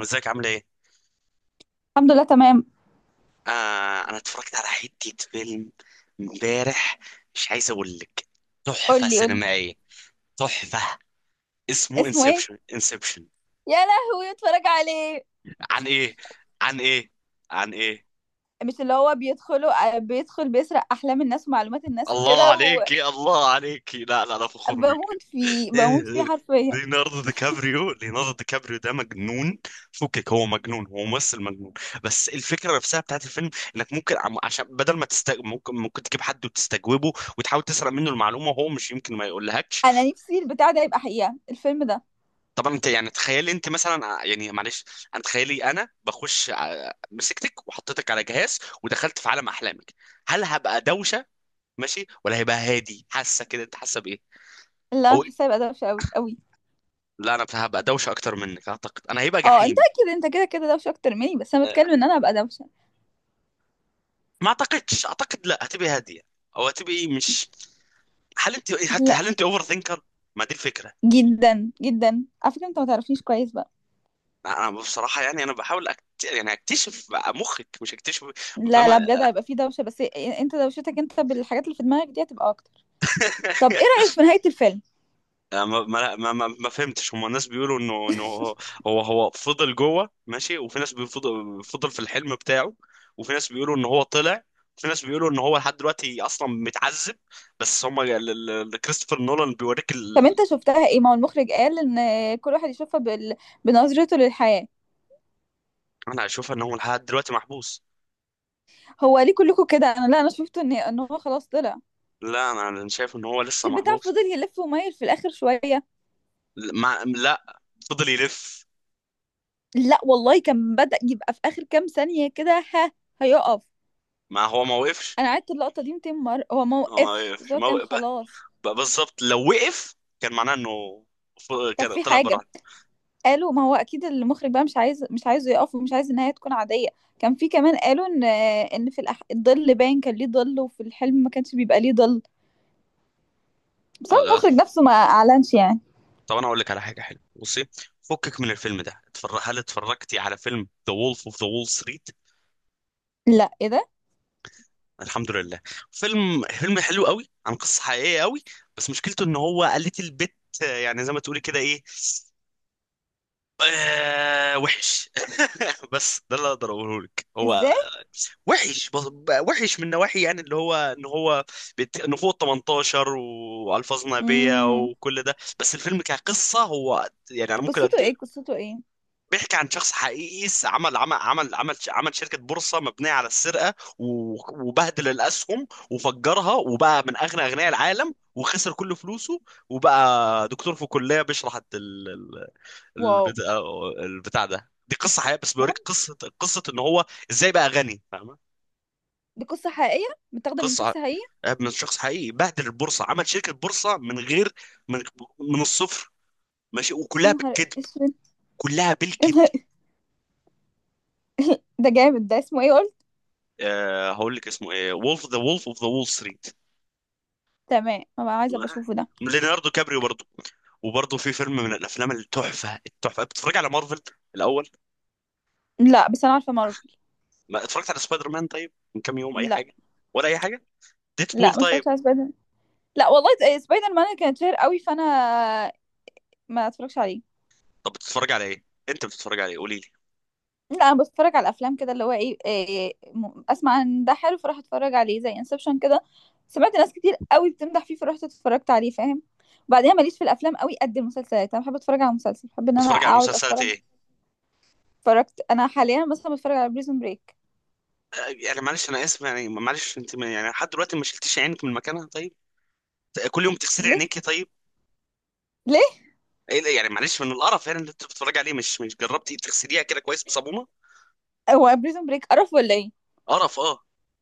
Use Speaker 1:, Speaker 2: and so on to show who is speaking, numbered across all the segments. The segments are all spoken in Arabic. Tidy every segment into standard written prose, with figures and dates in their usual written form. Speaker 1: ازيك عامل ايه؟
Speaker 2: الحمد لله تمام.
Speaker 1: آه، انا اتفرجت على حتة فيلم امبارح. مش عايز اقول لك،
Speaker 2: قول
Speaker 1: تحفة
Speaker 2: لي قول لي.
Speaker 1: سينمائية، تحفة. اسمه
Speaker 2: اسمه ايه؟
Speaker 1: انسبشن انسبشن.
Speaker 2: يا لهوي، اتفرج عليه.
Speaker 1: عن ايه؟ عن ايه؟ عن ايه؟
Speaker 2: مش اللي هو بيدخلوا بيدخل بيسرق احلام الناس ومعلومات الناس
Speaker 1: الله
Speaker 2: وكده.
Speaker 1: عليكي، الله عليكي، لا لا، انا فخور بيك.
Speaker 2: وبموت فيه
Speaker 1: إيه، إيه،
Speaker 2: بموت فيه
Speaker 1: إيه.
Speaker 2: حرفيا.
Speaker 1: ليوناردو دي كابريو، ليوناردو دي كابريو ده مجنون. فكك، هو مجنون، هو ممثل مجنون. بس الفكره نفسها بتاعت الفيلم، انك ممكن عم- عشان بدل ما تست... ممكن ممكن تجيب حد وتستجوبه وتحاول تسرق منه المعلومه، وهو مش يمكن ما يقولهاكش.
Speaker 2: انا نفسي البتاع ده يبقى حقيقة الفيلم ده.
Speaker 1: طبعا انت يعني تخيلي انت مثلا يعني معلش، انا مسكتك وحطيتك على جهاز ودخلت في عالم احلامك. هل هبقى دوشه ماشي، ولا هيبقى هادي؟ حاسه كده؟ انت حاسه بايه؟
Speaker 2: اللي انا
Speaker 1: او
Speaker 2: حاسه يبقى دوشه قوي قوي.
Speaker 1: لا، انا هبقى دوشه اكتر منك اعتقد، انا هيبقى
Speaker 2: اه، انت
Speaker 1: جحيم.
Speaker 2: اكيد انت كده كده دوشه اكتر مني، بس انا بتكلم ان انا ابقى دوشه.
Speaker 1: ما اعتقدش، اعتقد لا، هتبقى هاديه او هتبقى مش. هل انت حتى،
Speaker 2: لا.
Speaker 1: هل انت اوفر ثينكر؟ ما دي الفكره.
Speaker 2: جدا جدا على فكره انت ما تعرفنيش كويس بقى.
Speaker 1: انا بصراحه يعني، انا بحاول أكت... يعني اكتشف مخك، مش اكتشف.
Speaker 2: لا لا،
Speaker 1: فما
Speaker 2: بجد هيبقى فيه دوشه بس. انت دوشتك انت بالحاجات اللي في دماغك دي هتبقى اكتر. طب ايه رايك في نهايه الفيلم؟
Speaker 1: ما فهمتش. هم الناس بيقولوا انه هو، هو فضل جوه، ماشي، وفي ناس بيفضل في الحلم بتاعه، وفي ناس بيقولوا ان هو طلع، وفي ناس بيقولوا ان هو لحد دلوقتي اصلا متعذب. بس هم كريستوفر نولان بيوريك
Speaker 2: طب انت
Speaker 1: ال...
Speaker 2: شفتها ايه؟ ما هو المخرج قال ان كل واحد يشوفها بنظرته للحياة.
Speaker 1: انا اشوفها ان هو لحد دلوقتي محبوس.
Speaker 2: هو ليه كلكم كده؟ انا لا، انا شفت ان هو خلاص طلع.
Speaker 1: لا انا شايف ان هو
Speaker 2: مش
Speaker 1: لسه
Speaker 2: البتاع
Speaker 1: محبوس.
Speaker 2: فضل يلف ومايل في الاخر شوية؟
Speaker 1: ما لا، فضل يلف.
Speaker 2: لا والله، كان بدأ يبقى في اخر كام ثانية كده، ها، هيقف.
Speaker 1: ما هو ما وقفش.
Speaker 2: انا قعدت اللقطة دي 200 مرة، هو ما
Speaker 1: هو ما
Speaker 2: وقفش، بس
Speaker 1: وقفش،
Speaker 2: هو
Speaker 1: ما
Speaker 2: كان
Speaker 1: وقف
Speaker 2: خلاص.
Speaker 1: بقى بالظبط. لو وقف كان معناه انه
Speaker 2: طب
Speaker 1: كان
Speaker 2: في
Speaker 1: طلع
Speaker 2: حاجة
Speaker 1: بره.
Speaker 2: قالوا، ما هو اكيد المخرج بقى مش عايزه يقف، ومش عايز النهاية تكون عادية. كان في كمان قالوا ان، ان في الظل باين، كان ليه ظل، وفي الحلم ما كانش بيبقى ليه ظل. بس هو
Speaker 1: آه، لا،
Speaker 2: المخرج
Speaker 1: آسف.
Speaker 2: نفسه ما اعلنش يعني.
Speaker 1: طب انا اقول لك على حاجه حلوه، بصي، فكك من الفيلم ده. هل اتفرجتي على فيلم ذا وولف اوف ذا وول ستريت؟
Speaker 2: لا، ايه ده؟
Speaker 1: الحمد لله. فيلم حلو قوي، عن قصه حقيقيه قوي. بس مشكلته ان هو، قالت البت، آه، يعني زي ما تقولي كده، ايه، آه وحش. بس ده اللي اقدر اقوله لك. هو
Speaker 2: ازاي؟
Speaker 1: وحش بقى، وحش من نواحي، يعني اللي هو ان هو ان هو 18 والفاظ نابيه
Speaker 2: امم.
Speaker 1: وكل ده، بس الفيلم كقصه هو يعني انا ممكن
Speaker 2: قصته
Speaker 1: أدي...
Speaker 2: ايه؟ قصته ايه؟
Speaker 1: بيحكي عن شخص حقيقي عمل عمل شركه بورصه مبنيه على السرقه و... وبهدل الاسهم وفجرها وبقى من اغنى اغنياء العالم، وخسر كل فلوسه، وبقى دكتور في كليه بيشرح
Speaker 2: واو.
Speaker 1: البتاع... البتاع ده. دي قصه حقيقيه، بس
Speaker 2: بحب.
Speaker 1: بيوريك قصه ان هو ازاي بقى غني، فاهمه؟
Speaker 2: دي قصة حقيقية؟ متاخدة من
Speaker 1: قصه
Speaker 2: شخص حقيقي؟
Speaker 1: آه، من شخص حقيقي بهدل البورصه، عمل شركه بورصه من غير، من، من الصفر، ماشي،
Speaker 2: يا
Speaker 1: وكلها
Speaker 2: نهار
Speaker 1: بالكذب،
Speaker 2: اسود.
Speaker 1: كلها
Speaker 2: يا
Speaker 1: بالكذب.
Speaker 2: نهار- ده جامد. ده اسمه ايه قلت؟
Speaker 1: أه، هقول لك اسمه ايه: وولف، ذا وولف اوف ذا وول ستريت.
Speaker 2: تمام، ما بقى عايزة ابقى اشوفه ده.
Speaker 1: ليوناردو كابريو برضه. وبرضه في فيلم من الافلام التحفه، التحفه، بتتفرج على مارفل الاول؟
Speaker 2: لا، بس انا عارفة مارفل.
Speaker 1: ما اتفرجت على سبايدر مان طيب من كام يوم؟ اي
Speaker 2: لا
Speaker 1: حاجه؟ ولا اي حاجه؟ ديدبول
Speaker 2: لا، ما
Speaker 1: طيب؟
Speaker 2: اتفرجتش على سبايدر. لا والله إيه، سبايدر مان كانت شهر قوي، فانا ما اتفرجش عليه.
Speaker 1: طب بتتفرج على ايه انت؟ بتتفرج على ايه قولي لي.
Speaker 2: لا، انا بتفرج على الافلام كده، اللي هو اسمع ان ده حلو فراح اتفرج عليه، زي انسبشن كده. سمعت ناس كتير قوي بتمدح فيه، فرحت اتفرجت عليه، فاهم؟ وبعدين ماليش في الافلام قوي قد المسلسلات. انا بحب اتفرج على مسلسل، بحب ان انا
Speaker 1: بتتفرج على
Speaker 2: اقعد
Speaker 1: مسلسلات
Speaker 2: اتفرج.
Speaker 1: ايه؟
Speaker 2: اتفرجت انا حاليا مثلا بتفرج على بريزون بريك.
Speaker 1: آه، يعني معلش انا اسف، يعني معلش انت يعني لحد دلوقتي ما شلتيش عينك من مكانها؟ طيب، كل يوم تغسلي
Speaker 2: ليه؟
Speaker 1: عينيكي، طيب.
Speaker 2: ليه؟
Speaker 1: إيه، لا، يعني معلش، من القرف يعني اللي انت بتتفرج عليه، مش جربتي تغسليها كده كويس بصابونه؟
Speaker 2: هو بريزون بريك قرف ولا ايه؟
Speaker 1: قرف، اه،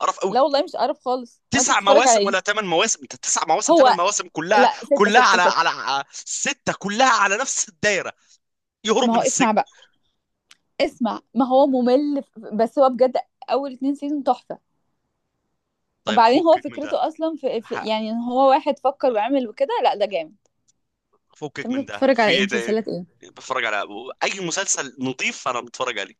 Speaker 1: قرف قوي.
Speaker 2: لا والله مش قرف خالص، وانت
Speaker 1: تسع
Speaker 2: بتتفرج على
Speaker 1: مواسم
Speaker 2: ايه؟
Speaker 1: ولا ثمان مواسم انت؟ تسع مواسم،
Speaker 2: هو
Speaker 1: ثمان مواسم، كلها
Speaker 2: لا، ستة
Speaker 1: كلها
Speaker 2: ستة
Speaker 1: على
Speaker 2: ستة.
Speaker 1: سته، كلها على نفس الدايره، يهرب
Speaker 2: ما هو
Speaker 1: من
Speaker 2: اسمع
Speaker 1: السجن.
Speaker 2: بقى، اسمع. ما هو ممل، بس هو بجد اول اتنين سيزون تحفة.
Speaker 1: طيب
Speaker 2: وبعدين هو
Speaker 1: فكك من ده،
Speaker 2: فكرته اصلا في, في
Speaker 1: ح-
Speaker 2: يعني ان هو واحد فكر وعمل وكده، لا ده جامد.
Speaker 1: فكك
Speaker 2: طب انت
Speaker 1: من ده،
Speaker 2: بتتفرج
Speaker 1: في
Speaker 2: على ايه؟
Speaker 1: ايه تاني؟
Speaker 2: مسلسلات ايه؟
Speaker 1: بتفرج على، اي مسلسل نظيف انا بتفرج عليه.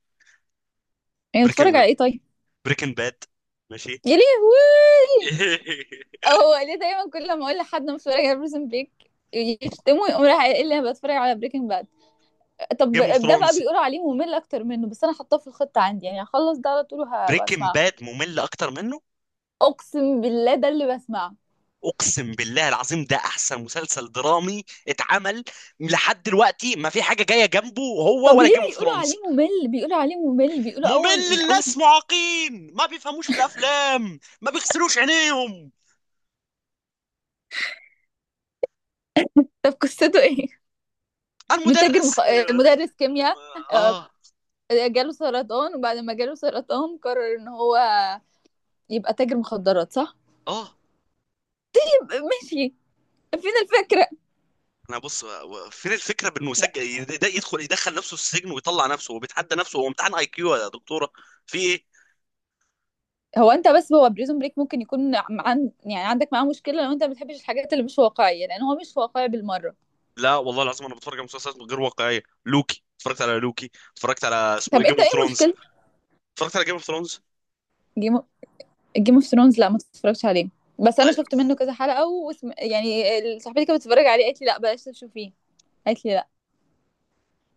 Speaker 2: يعني بتتفرج
Speaker 1: بريكن،
Speaker 2: على ايه طيب؟
Speaker 1: بريكن باد، ماشي.
Speaker 2: يا لهوي. هو ليه دايما كل ما اقول لحد أنا بتفرج على بريزن بريك يشتموا، يقوم راح قايل لي انا بتفرج على بريكنج باد؟ طب،
Speaker 1: جيم اوف
Speaker 2: ده بقى
Speaker 1: ثرونز.
Speaker 2: بيقولوا عليه ممل اكتر منه، بس انا حاطاه في الخطه عندي، يعني هخلص ده على طول
Speaker 1: بريكن
Speaker 2: وهسمعه.
Speaker 1: باد ممل اكتر منه؟
Speaker 2: اقسم بالله ده اللي بسمعه.
Speaker 1: اقسم بالله العظيم، ده احسن مسلسل درامي اتعمل لحد دلوقتي. ما في حاجه جايه جنبه
Speaker 2: طب
Speaker 1: هو ولا
Speaker 2: ليه
Speaker 1: جيم اوف
Speaker 2: بيقولوا
Speaker 1: ثرونز.
Speaker 2: عليه ممل؟ بيقولوا عليه ممل، بيقولوا
Speaker 1: ممل؟
Speaker 2: اول اول.
Speaker 1: الناس معاقين، ما بيفهموش في الافلام، ما بيغسلوش عينيهم.
Speaker 2: طب قصته ايه؟ متاجر مخ...
Speaker 1: المدرس.
Speaker 2: آه، مدرس كيمياء. آه،
Speaker 1: اه.
Speaker 2: جاله سرطان، وبعد ما جاله سرطان قرر ان هو يبقى تاجر مخدرات، صح؟
Speaker 1: اه.
Speaker 2: ماشي. فين الفكرة؟
Speaker 1: انا بص، فين الفكره، بانه يسجل يدخل نفسه السجن ويطلع نفسه، وبيتحدى نفسه. هو امتحان اي كيو يا دكتوره، في ايه؟
Speaker 2: هو انت بس. هو بريزون بريك ممكن يكون يعني عندك معاه مشكلة لو انت ما بتحبش الحاجات اللي مش واقعية، لان هو مش واقعي بالمرة.
Speaker 1: لا والله العظيم، انا بتفرج على مسلسلات غير واقعيه. لوكي اتفرجت على لوكي، اتفرجت على اسمه ايه،
Speaker 2: طب
Speaker 1: جيم
Speaker 2: انت
Speaker 1: اوف
Speaker 2: ايه
Speaker 1: ثرونز.
Speaker 2: مشكلة
Speaker 1: اتفرجت على جيم اوف ثرونز.
Speaker 2: جيم جيم اوف ثرونز؟ لا، ما تتفرجش عليه. بس انا شفت منه كذا حلقة صاحبتي كانت بتتفرج عليه، قالت لي لا بلاش تشوفيه، قالت لي لا.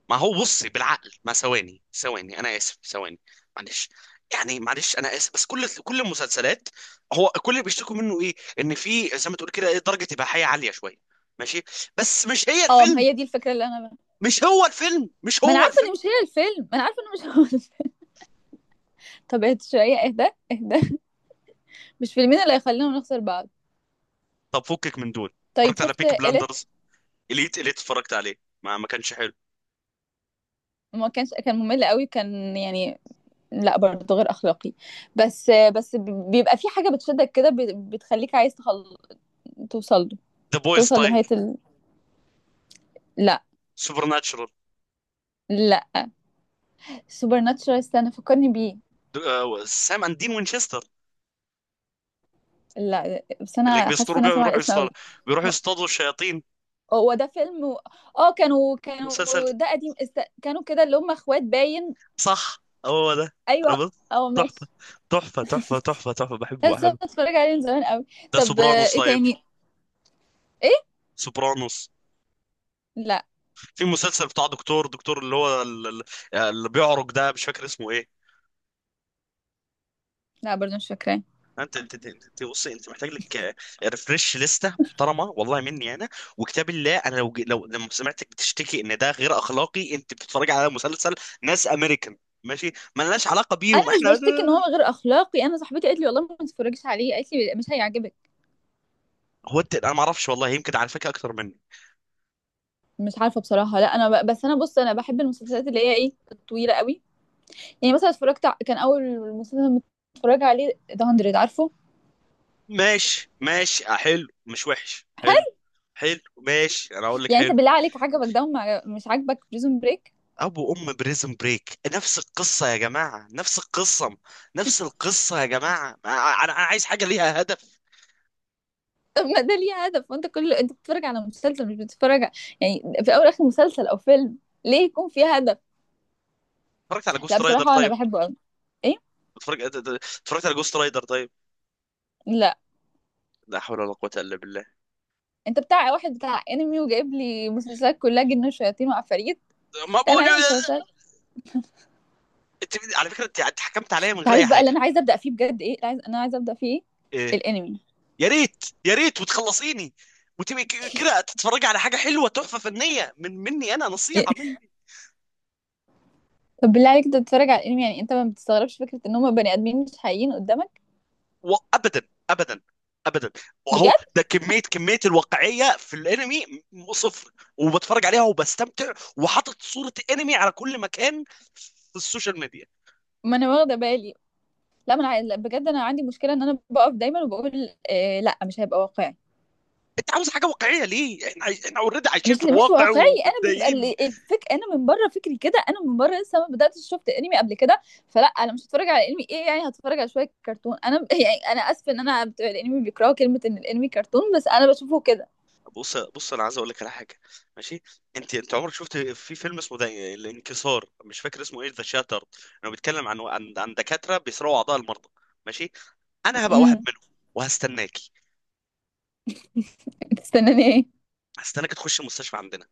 Speaker 1: ما هو بصي بالعقل، ما ثواني انا اسف، ثواني، معلش، يعني معلش انا اسف، بس كل المسلسلات، هو كل اللي بيشتكوا منه ايه، ان في زي ما تقول كده ايه، درجه اباحيه عاليه شويه، ماشي، بس مش هي
Speaker 2: اه، ما
Speaker 1: الفيلم،
Speaker 2: هي دي الفكرة اللي انا.
Speaker 1: مش هو الفيلم، مش
Speaker 2: ما انا
Speaker 1: هو
Speaker 2: عارفة
Speaker 1: الفيلم.
Speaker 2: ان مش هي الفيلم، ما انا عارفة ان مش هو الفيلم. طب اهدى شوية، اهدى. اهدى. مش فيلمين اللي هيخلينا نخسر بعض.
Speaker 1: طب فكك من دول،
Speaker 2: طيب،
Speaker 1: اتفرجت على
Speaker 2: شفت
Speaker 1: بيك
Speaker 2: إليت؟
Speaker 1: بلاندرز؟ اليت، اليت اتفرجت عليه، ما كانش حلو.
Speaker 2: وما كانش كان ممل قوي، كان يعني، لا برضه غير اخلاقي. بس بس بيبقى في حاجه بتشدك كده، بتخليك عايز توصل له،
Speaker 1: ذا بويز
Speaker 2: توصل
Speaker 1: طيب؟
Speaker 2: لنهايه. لا.
Speaker 1: سوبر ناتشرال؟
Speaker 2: لا. سوبر ناتشورال، استنى فكرني بيه.
Speaker 1: سام اند دين وينشستر،
Speaker 2: لا، بس
Speaker 1: اللي
Speaker 2: انا حاسه ان
Speaker 1: بيستروا بيه
Speaker 2: انا سامعه
Speaker 1: ويروحوا
Speaker 2: الاسم
Speaker 1: يصطادوا،
Speaker 2: قوي.
Speaker 1: بيروحوا
Speaker 2: ه-
Speaker 1: يصطادوا الشياطين.
Speaker 2: هو ده فيلم اه، كانوا
Speaker 1: مسلسل،
Speaker 2: ده قديم كانوا كده، اللي هم اخوات باين.
Speaker 1: صح، هو ده.
Speaker 2: ايوه.
Speaker 1: انا بص،
Speaker 2: اه،
Speaker 1: تحفه
Speaker 2: ماشي.
Speaker 1: تحفه تحفه، بحبه
Speaker 2: بس أنا
Speaker 1: بحبه
Speaker 2: اتفرج عليه من زمان قوي.
Speaker 1: ده
Speaker 2: طب
Speaker 1: سوبرانوس
Speaker 2: ايه
Speaker 1: طيب؟
Speaker 2: تاني؟ ايه؟
Speaker 1: سوبرانوس.
Speaker 2: لا.
Speaker 1: في مسلسل بتاع دكتور اللي هو اللي بيعرج ده، مش فاكر اسمه ايه.
Speaker 2: لا، برضه مش فاكراه.
Speaker 1: بص، انت محتاج لك ريفرش لسته محترمه، والله مني انا، وكتاب الله، انا لو لما سمعتك بتشتكي ان ده غير اخلاقي، انت بتتفرج على مسلسل ناس امريكان، ماشي، ملناش علاقه
Speaker 2: انا
Speaker 1: بيهم
Speaker 2: مش
Speaker 1: احنا.
Speaker 2: بشتكي ان هو غير اخلاقي، انا صاحبتي قالت لي والله ما تتفرجيش عليه، قالت لي مش هيعجبك.
Speaker 1: هو انت، انا ما اعرفش والله، يمكن على فكره اكتر منك.
Speaker 2: مش عارفه بصراحه. لا انا بس انا بص، انا بحب المسلسلات اللي هي ايه الطويله قوي. يعني مثلا اتفرجت كان اول مسلسل متفرجه عليه ذا 100، عارفه.
Speaker 1: ماشي ماشي، آه، حلو، مش وحش، حلو،
Speaker 2: حلو.
Speaker 1: حلو، ماشي، انا اقول لك
Speaker 2: يعني انت
Speaker 1: حلو.
Speaker 2: بالله عليك عجبك ده، مش عاجبك بريزون بريك؟
Speaker 1: ابو ام بريزن بريك نفس القصه يا جماعه، نفس القصه، نفس القصه يا جماعه، انا عايز حاجه ليها هدف.
Speaker 2: طب ما ده ليه هدف، وانت كل انت بتتفرج على مسلسل مش بتتفرج يعني في اول اخر مسلسل او فيلم ليه يكون فيه هدف؟
Speaker 1: اتفرجت على
Speaker 2: لا
Speaker 1: جوست رايدر
Speaker 2: بصراحه انا
Speaker 1: طيب؟
Speaker 2: بحبه قوي. ايه؟
Speaker 1: اتفرج- اتفرجت على جوست رايدر طيب؟
Speaker 2: لا،
Speaker 1: لا حول ولا قوه الا بالله.
Speaker 2: انت بتاع واحد بتاع انمي، وجايب لي مسلسلات كلها جن وشياطين وعفاريت.
Speaker 1: ما
Speaker 2: لا، انا
Speaker 1: بقول.
Speaker 2: عايزه مسلسلات.
Speaker 1: انت على فكره انت حكمت عليا من غير اي
Speaker 2: تعرف بقى اللي انا
Speaker 1: حاجه.
Speaker 2: عايزه ابدا فيه بجد ايه؟ انا عايزه ابدا فيه ايه؟
Speaker 1: ايه؟
Speaker 2: الانمي.
Speaker 1: يا ريت، يا ريت، وتخلصيني، وتبقي كده تتفرجي على حاجه حلوه، تحفه فنيه، من مني انا،
Speaker 2: إيه؟
Speaker 1: نصيحه مني.
Speaker 2: طب بالله عليك، انت بتتفرج على الانمي، يعني انت ما بتستغربش فكره ان هم بني ادمين مش حقيقيين قدامك؟
Speaker 1: وابدا، ابدا، ابدا. واهو
Speaker 2: بجد.
Speaker 1: ده كميه الواقعيه في الانمي، صفر. وبتفرج عليها، وبستمتع، وحاطط صوره انمي على كل مكان في السوشيال ميديا.
Speaker 2: ما انا واخده بالي. لا، ما انا لا، بجد انا عندي مشكله ان انا بقف دايما وبقول إيه لا مش هيبقى واقعي.
Speaker 1: انت عاوز حاجه واقعيه ليه؟ احنا عايش... احنا اوريدي عايشين في
Speaker 2: مش
Speaker 1: الواقع
Speaker 2: واقعي. انا بيبقى
Speaker 1: ومتضايقين.
Speaker 2: الفك، انا من بره فكري كده، انا من بره لسه ما بداتش شفت انمي قبل كده. فلا انا مش هتفرج على انمي، ايه يعني هتفرج على شويه كرتون، انا يعني انا اسفه ان انا بتوع الانمي بيكرهوا كلمه ان الانمي كرتون، بس انا بشوفه كده.
Speaker 1: بص، بص، انا عايز اقول لك على حاجه، ماشي؟ انت عمرك شفت في فيلم اسمه ده، الانكسار، مش فاكر اسمه ايه، ذا شاتر؟ انه بيتكلم عن دكاتره بيسرقوا اعضاء المرضى، ماشي؟ انا هبقى واحد
Speaker 2: امم.
Speaker 1: منهم، وهستناكي.
Speaker 2: تستناني ايه؟
Speaker 1: هستناك تخش المستشفى عندنا،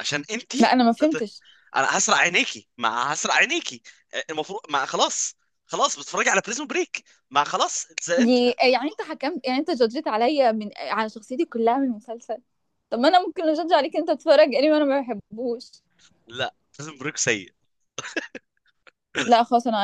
Speaker 1: عشان انتي،
Speaker 2: لا انا ما
Speaker 1: هت-
Speaker 2: فهمتش.
Speaker 1: انا هسرق عينيكي، ما هسرق عينيكي، المفروض، ما خلاص، خلاص بتتفرجي على بريزون بريك، ما خلاص، انت.
Speaker 2: دي يعني انت حكمت، يعني انت جادجت عليا من على شخصيتي كلها من المسلسل. طب ما انا ممكن اجادج عليك، انت بتتفرج انمي وانا ما بحبوش.
Speaker 1: لا، بريزون بريك سيء.
Speaker 2: لا خلاص انا,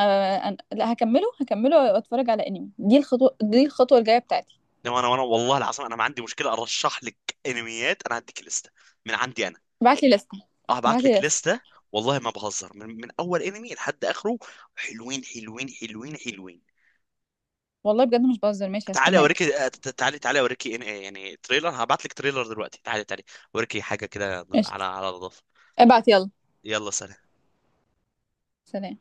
Speaker 2: أنا لا، هكمله هكمله واتفرج على انمي، دي الخطوه، دي الخطوه الجايه بتاعتي.
Speaker 1: انما انا، والله العظيم، انا ما عندي مشكله ارشح لك انميات، انا هديك لسته من عندي انا.
Speaker 2: ابعت لي لستة.
Speaker 1: أه، هبعت
Speaker 2: ابعت لي
Speaker 1: لك
Speaker 2: لستة.
Speaker 1: لسته. والله ما بهزر، من اول انمي لحد اخره، حلوين.
Speaker 2: والله بجد مش بهزر. ماشي،
Speaker 1: تعالي
Speaker 2: هستناك.
Speaker 1: اوريكي، آه، تعالي، تعالي اوريكي، آه، يعني تريلر، هبعت لك تريلر دلوقتي، تعالي، تعالي اوريكي حاجه كده على
Speaker 2: قشطة.
Speaker 1: على نظافه.
Speaker 2: ابعت يلا.
Speaker 1: يلا، سلام.
Speaker 2: سلام.